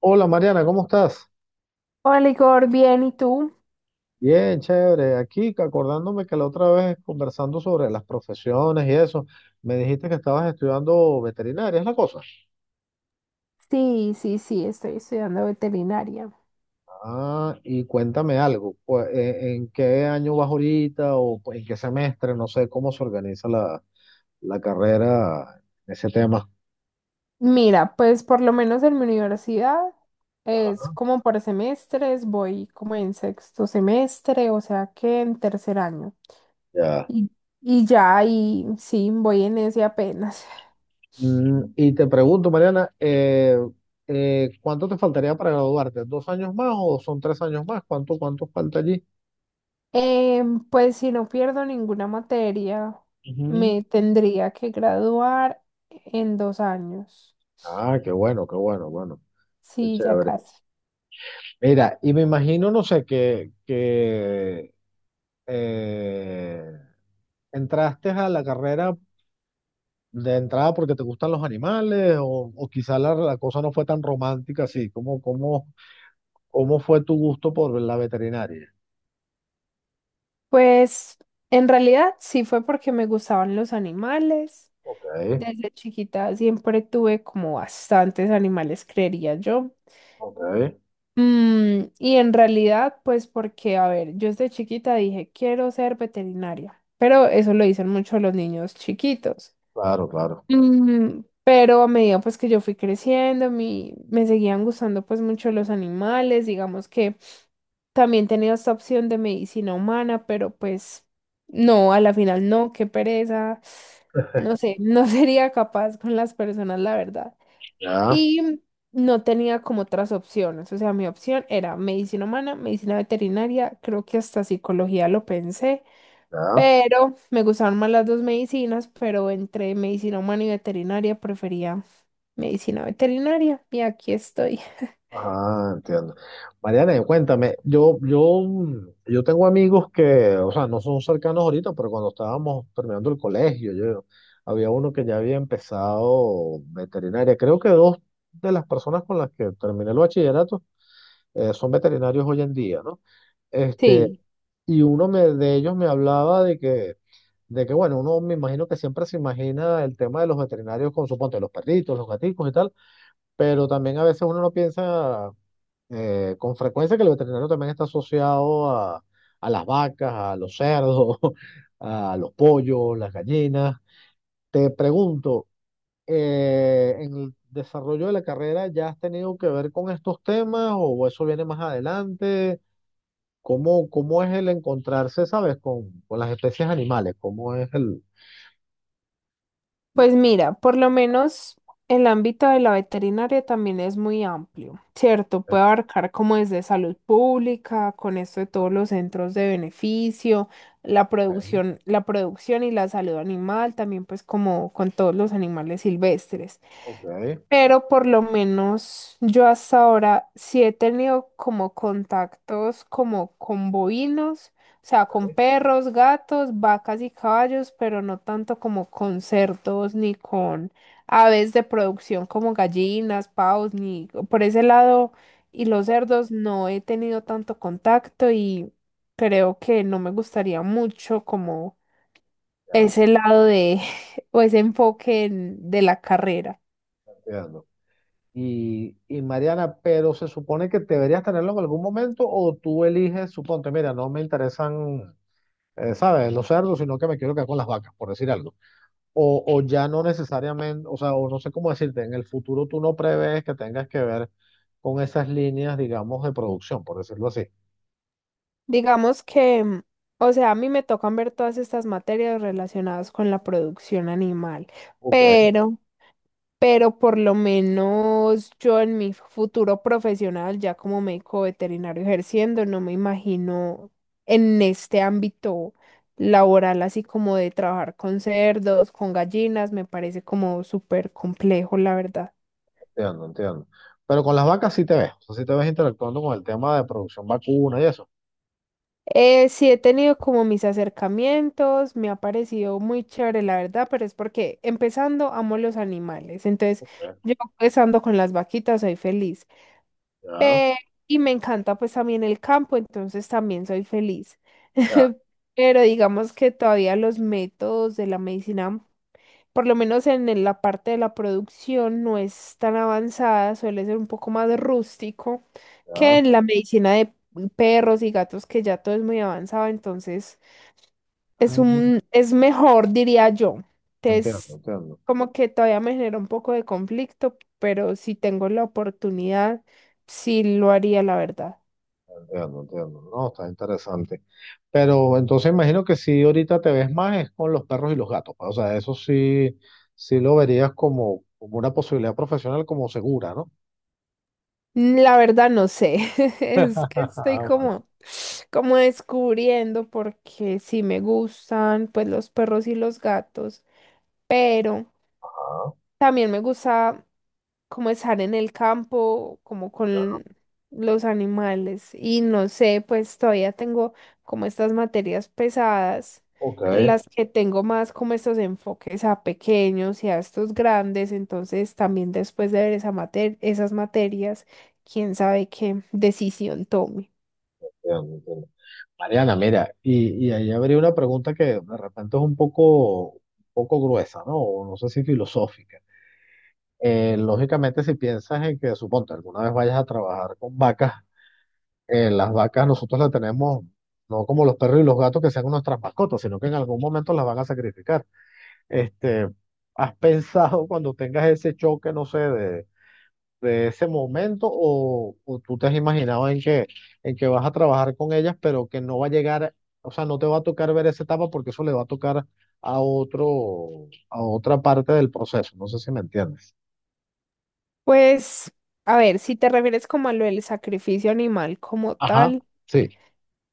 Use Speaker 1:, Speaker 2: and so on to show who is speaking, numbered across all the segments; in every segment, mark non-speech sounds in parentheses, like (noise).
Speaker 1: Hola, Mariana, ¿cómo estás?
Speaker 2: Hola Igor, bien, ¿y tú?
Speaker 1: Bien, chévere. Aquí que acordándome que la otra vez conversando sobre las profesiones y eso, me dijiste que estabas estudiando veterinaria, ¿es la cosa?
Speaker 2: Sí, sí, sí, estoy estudiando veterinaria.
Speaker 1: Ah, y cuéntame algo, pues, ¿en qué año vas ahorita o pues, en qué semestre? No sé cómo se organiza la carrera en ese tema.
Speaker 2: Mira, pues por lo menos en mi universidad
Speaker 1: Ajá,
Speaker 2: es como por semestres, voy como en sexto semestre, o sea que en tercer año.
Speaker 1: ya.
Speaker 2: Y, y ya, y sí, voy en ese apenas.
Speaker 1: Y te pregunto, Mariana, ¿cuánto te faltaría para graduarte? ¿Dos años más o son tres años más? ¿Cuánto falta allí?
Speaker 2: (laughs) Pues si no pierdo ninguna materia,
Speaker 1: Ujú.
Speaker 2: me tendría que graduar en dos años.
Speaker 1: Ah, qué bueno, bueno, qué
Speaker 2: Sí, ya
Speaker 1: chévere.
Speaker 2: casi.
Speaker 1: Mira, y me imagino, no sé, que eh, entraste a la carrera de entrada porque te gustan los animales o quizá la cosa no fue tan romántica así. ¿Cómo fue tu gusto por la veterinaria?
Speaker 2: Pues en realidad sí fue porque me gustaban los animales.
Speaker 1: Ok,
Speaker 2: Desde chiquita siempre tuve como bastantes animales, creería yo.
Speaker 1: ok,
Speaker 2: Y en realidad, pues porque, a ver, yo desde chiquita dije, quiero ser veterinaria, pero eso lo dicen mucho los niños chiquitos.
Speaker 1: claro, claro.
Speaker 2: Pero a medida pues que yo fui creciendo, me seguían gustando pues mucho los animales, digamos que también tenía esta opción de medicina humana, pero pues no, a la final no, qué pereza, no sé, no (laughs) sería capaz con las personas, la verdad.
Speaker 1: Ya,
Speaker 2: Y no tenía como otras opciones, o sea, mi opción era medicina humana, medicina veterinaria, creo que hasta psicología lo pensé.
Speaker 1: ya.
Speaker 2: Pero me gustaron más las dos medicinas, pero entre medicina humana y veterinaria prefería medicina veterinaria y aquí estoy.
Speaker 1: Ah, entiendo. Mariana, y cuéntame, yo tengo amigos que, o sea, no son cercanos ahorita, pero cuando estábamos terminando el colegio, había uno que ya había empezado veterinaria. Creo que dos de las personas con las que terminé el bachillerato son veterinarios hoy en día, ¿no? Este,
Speaker 2: Sí,
Speaker 1: y uno me, de ellos me hablaba de que bueno, uno, me imagino que siempre se imagina el tema de los veterinarios con, suponte, los perritos, los gaticos y tal, pero también a veces uno no piensa con frecuencia que el veterinario también está asociado a las vacas, a los cerdos, (laughs) a los pollos, las gallinas. Te pregunto, ¿en el desarrollo de la carrera ya has tenido que ver con estos temas o eso viene más adelante? ¿Cómo es el encontrarse, sabes, con las especies animales? ¿Cómo es el...
Speaker 2: pues mira, por lo menos el ámbito de la veterinaria también es muy amplio, ¿cierto?
Speaker 1: eh,
Speaker 2: Puede abarcar como desde salud pública, con esto de todos los centros de beneficio, la
Speaker 1: eh,
Speaker 2: producción, la producción y la salud animal, también pues como con todos los animales silvestres.
Speaker 1: ok,
Speaker 2: Pero por lo menos yo hasta ahora sí he tenido como contactos como con bovinos, o sea, con perros, gatos, vacas y caballos, pero no tanto como con cerdos ni con aves de producción como gallinas, pavos, ni por ese lado. Y los cerdos no he tenido tanto contacto y creo que no me gustaría mucho como
Speaker 1: ya,
Speaker 2: ese lado de (laughs) o ese de la carrera.
Speaker 1: entiendo. Y Mariana, pero se supone que deberías tenerlo en algún momento o tú eliges, suponte, mira, no me interesan, ¿sabes? Los cerdos, sino que me quiero quedar con las vacas, por decir algo. O ya no necesariamente, o sea, o no sé cómo decirte, en el futuro tú no prevés que tengas que ver con esas líneas, digamos, de producción, por decirlo así.
Speaker 2: Digamos que, mm, o sea, a mí me tocan ver todas estas materias relacionadas con la producción animal,
Speaker 1: Ok,
Speaker 2: pero, pero por lo menos yo en mi futuro profesional, ya como médico veterinario ejerciendo, no me imagino en este ámbito laboral, así como de trabajar con cerdos, con gallinas, me parece como súper complejo, la verdad.
Speaker 1: entiendo, entiendo. Pero con las vacas sí te ves, o sea, sí te ves interactuando con el tema de producción vacuna y eso.
Speaker 2: Sí, he tenido como mis acercamientos, me ha parecido muy chévere, la verdad, pero es porque empezando amo los animales, entonces
Speaker 1: Ok,
Speaker 2: yo empezando con las vaquitas soy feliz
Speaker 1: ya,
Speaker 2: y me encanta pues también el campo, entonces también soy feliz.
Speaker 1: ya,
Speaker 2: (laughs) Pero digamos que todavía los métodos de la medicina, por lo menos en el- la parte de la producción, no es tan avanzada, suele ser un poco más rústico que
Speaker 1: ya.
Speaker 2: en la medicina de perros y gatos, que ya todo es muy avanzado, entonces... Es
Speaker 1: Ujú,
Speaker 2: un, es mejor, diría yo.
Speaker 1: entiendo,
Speaker 2: Es
Speaker 1: entiendo.
Speaker 2: como que todavía me genera un poco de conflicto, pero si tengo la oportunidad, sí lo haría, la verdad.
Speaker 1: Entiendo, entiendo. No, está interesante. Pero entonces imagino que si ahorita te ves más es con los perros y los gatos, pues. O sea, eso sí, sí lo verías como, como una posibilidad profesional como segura, ¿no?
Speaker 2: Mm, La verdad no sé, (laughs) es que
Speaker 1: (laughs)
Speaker 2: estoy
Speaker 1: Ah, bueno.
Speaker 2: como, como descubriendo porque sí me gustan pues los perros y los gatos, pero
Speaker 1: Ah,
Speaker 2: también me gusta como estar en el campo, como
Speaker 1: ya,
Speaker 2: con los animales. Y no sé, pues todavía tengo como estas materias pesadas
Speaker 1: ok,
Speaker 2: en las que tengo más como estos enfoques a pequeños y a estos grandes. Entonces también después de ver esa mater- esas materias, quién sabe qué decisión tome.
Speaker 1: entiendo, entiendo. Mariana, mira, y ahí habría una pregunta que de repente es un poco gruesa, ¿no? O no sé si filosófica. Lógicamente, si piensas en que, suponte, alguna vez vayas a trabajar con vacas, las vacas nosotros las tenemos, no como los perros y los gatos que sean nuestras mascotas, sino que en algún momento las van a sacrificar. Este, ¿Has pensado (laughs) cuando tengas ese choque, no sé, de ese momento o tú te has imaginado en que vas a trabajar con ellas, pero que no va a llegar, o sea, no te va a tocar ver esa etapa porque eso le va a tocar a otro, a otra parte del proceso? No sé si me entiendes.
Speaker 2: Pues, a ver, si te refieres como a lo del sacrificio animal como
Speaker 1: Ajá,
Speaker 2: tal.
Speaker 1: sí.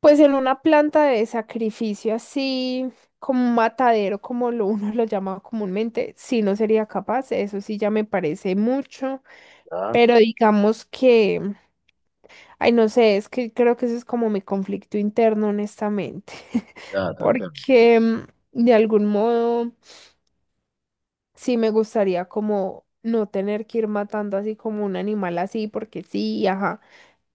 Speaker 2: Pues en una planta de sacrificio así, como un matadero, como lo uno (laughs) lo llama comúnmente, sí no sería capaz, eso sí ya me parece mucho,
Speaker 1: Ya,
Speaker 2: pero digamos que, ay no sé, es que creo que eso es como mi conflicto interno, honestamente,
Speaker 1: ya, te
Speaker 2: (laughs)
Speaker 1: entiendo.
Speaker 2: que mm, de algún modo sí me gustaría como no tener que ir matando así como un animal así, porque sí, ajá,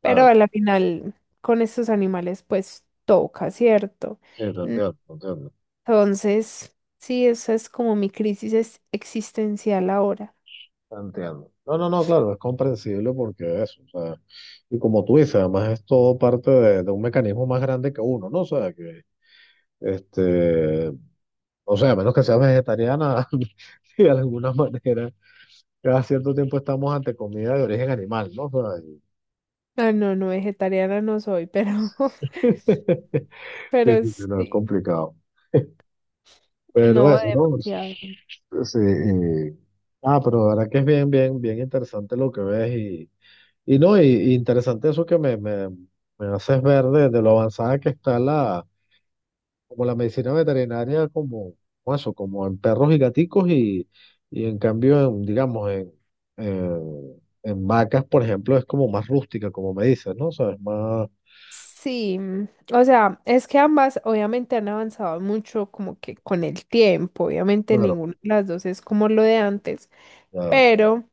Speaker 2: pero
Speaker 1: Claro,
Speaker 2: a la final con estos animales pues toca, ¿cierto?
Speaker 1: sí, te entiendo, te entiendo.
Speaker 2: Entonces, sí, esa es como mi crisis es- existencial ahora.
Speaker 1: Entiendo. No, no, no, claro, es comprensible porque eso, o sea, y como tú dices, además es todo parte de un mecanismo más grande que uno, ¿no? O sea, que, este, o sea, a menos que seas vegetariana, (laughs) y de alguna manera, cada cierto tiempo estamos ante comida de origen animal, ¿no? O sea, y-
Speaker 2: Ah, no, no, vegetariana no soy, pero, (laughs)
Speaker 1: (laughs)
Speaker 2: pero
Speaker 1: sí, sí, sí, no, es
Speaker 2: sí,
Speaker 1: complicado. Pero
Speaker 2: no
Speaker 1: eso, ¿no? Sí.
Speaker 2: demasiado.
Speaker 1: Sí, y- Ah, pero la verdad que es bien, bien, bien interesante lo que ves. Y no, y interesante eso que me haces ver de lo avanzada que está como la medicina veterinaria, como, como eso, como en perros y gaticos, y en cambio, en, digamos, en vacas, por ejemplo, es como más rústica, como me dices, ¿no? O sea, es más,
Speaker 2: Sí, mm, o sea, es que ambas obviamente han avanzado mucho como que con el tiempo, obviamente
Speaker 1: claro,
Speaker 2: ninguna de las dos es como lo de antes,
Speaker 1: claro,
Speaker 2: pero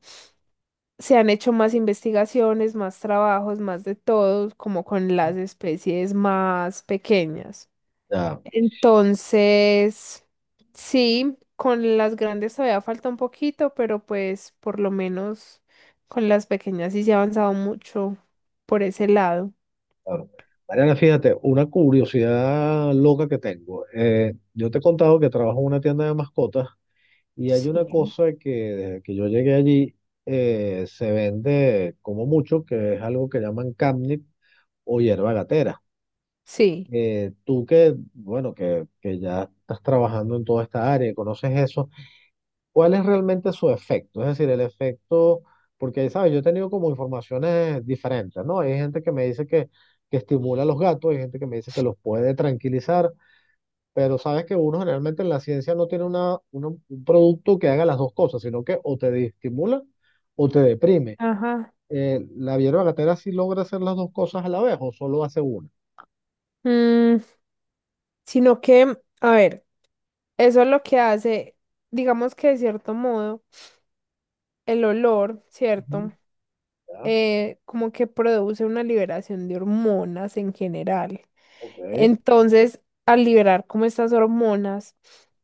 Speaker 2: se han hecho más investigaciones, más trabajos, más de todo, como con las especies más pequeñas.
Speaker 1: ya,
Speaker 2: Entonces, sí, con las grandes todavía falta un poquito, pero pues por lo menos con las pequeñas sí se ha avanzado mucho por ese lado.
Speaker 1: claro. Mariana, fíjate, una curiosidad loca que tengo. Yo te he contado que trabajo en una tienda de mascotas. Y hay una
Speaker 2: Sí.
Speaker 1: cosa que desde que yo llegué allí se vende como mucho, que es algo que llaman camnit o hierba gatera.
Speaker 2: Sí.
Speaker 1: Tú que, bueno, que ya estás trabajando en toda esta área, y conoces eso, ¿cuál es realmente su efecto? Es decir, el efecto, porque, ¿sabes? Yo he tenido como informaciones diferentes, ¿no? Hay gente que me dice que estimula a los gatos, hay gente que me dice que los puede tranquilizar, pero sabes que uno generalmente en la ciencia no tiene un producto que haga las dos cosas, sino que o te estimula o te deprime.
Speaker 2: Ajá.
Speaker 1: La hierba gatera, ¿sí logra hacer las dos cosas a la vez o solo hace una?
Speaker 2: Mm, sino que, a ver, eso es lo que hace, digamos que de cierto modo, el olor,
Speaker 1: Ujú.
Speaker 2: ¿cierto?
Speaker 1: Ya,
Speaker 2: Como que produce una liberación de hormonas en general.
Speaker 1: ok,
Speaker 2: Entonces, al liberar como estas hormonas,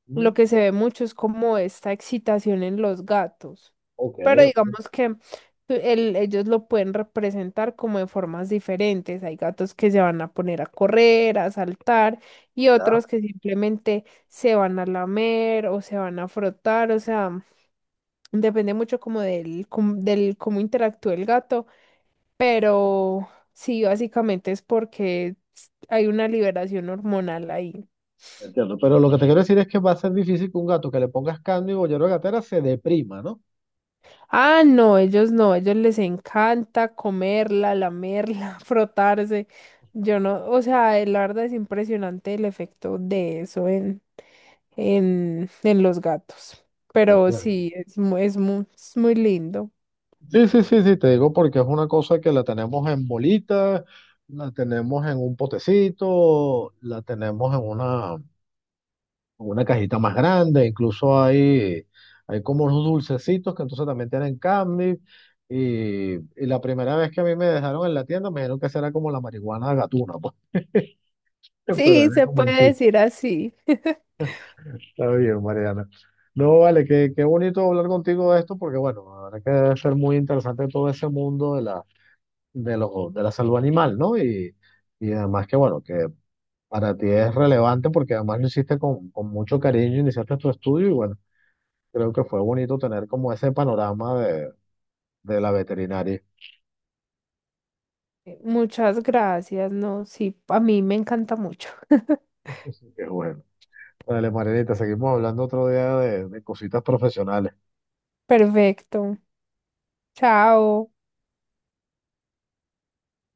Speaker 1: mm,
Speaker 2: lo que se ve mucho es como esta excitación en los gatos.
Speaker 1: ok,
Speaker 2: Pero
Speaker 1: ok,
Speaker 2: digamos que tú- el- ellos lo pueden representar como de formas diferentes. Hay gatos que se van a poner a correr, a saltar, y
Speaker 1: ya,
Speaker 2: otros que simplemente se van a lamer o se van a frotar. O sea, depende mucho como del, com- del cómo interactúa el gato pero sí, básicamente es porque s- hay una liberación hormonal ahí.
Speaker 1: entiendo. Pero lo que te quiero decir es que va a ser difícil que un gato que le pongas cándido o hierba gatera se deprima, ¿no?
Speaker 2: Ah, no, ellos no, ellos les encanta comerla, lamerla, (laughs) frotarse. Yo no, o sea, la verdad es impresionante el efecto de eso en los gatos. Pero
Speaker 1: Entiendo.
Speaker 2: sí, es, mu- es, mu- es muy lindo.
Speaker 1: Sí, sí, sí, sí, te digo porque es una cosa que la tenemos en bolita, la tenemos en un potecito, la tenemos en una cajita más grande, incluso hay, hay como unos dulcecitos que entonces también tienen candy. Y la primera vez que a mí me dejaron en la tienda, me dijeron que será como la marihuana gatuna, pues. (laughs) Pero
Speaker 2: Sí,
Speaker 1: era
Speaker 2: se
Speaker 1: como un
Speaker 2: puede
Speaker 1: chiste.
Speaker 2: decir así. (laughs)
Speaker 1: Está bien, Mariana. No, vale, qué, qué bonito hablar contigo de esto, porque bueno, la verdad que debe ser muy interesante todo ese mundo de la, de lo- de la salud animal, ¿no? Y además que bueno, que para ti es relevante porque además lo hiciste con mucho cariño, iniciaste tu estudio y bueno. Creo que fue bonito tener como ese panorama de la veterinaria.
Speaker 2: Muchas gracias, no, sí, a mí me encanta mucho. (laughs)
Speaker 1: (laughs) Qué bueno. Dale, Marianita, seguimos hablando otro día de cositas profesionales.
Speaker 2: Perfecto. Chao.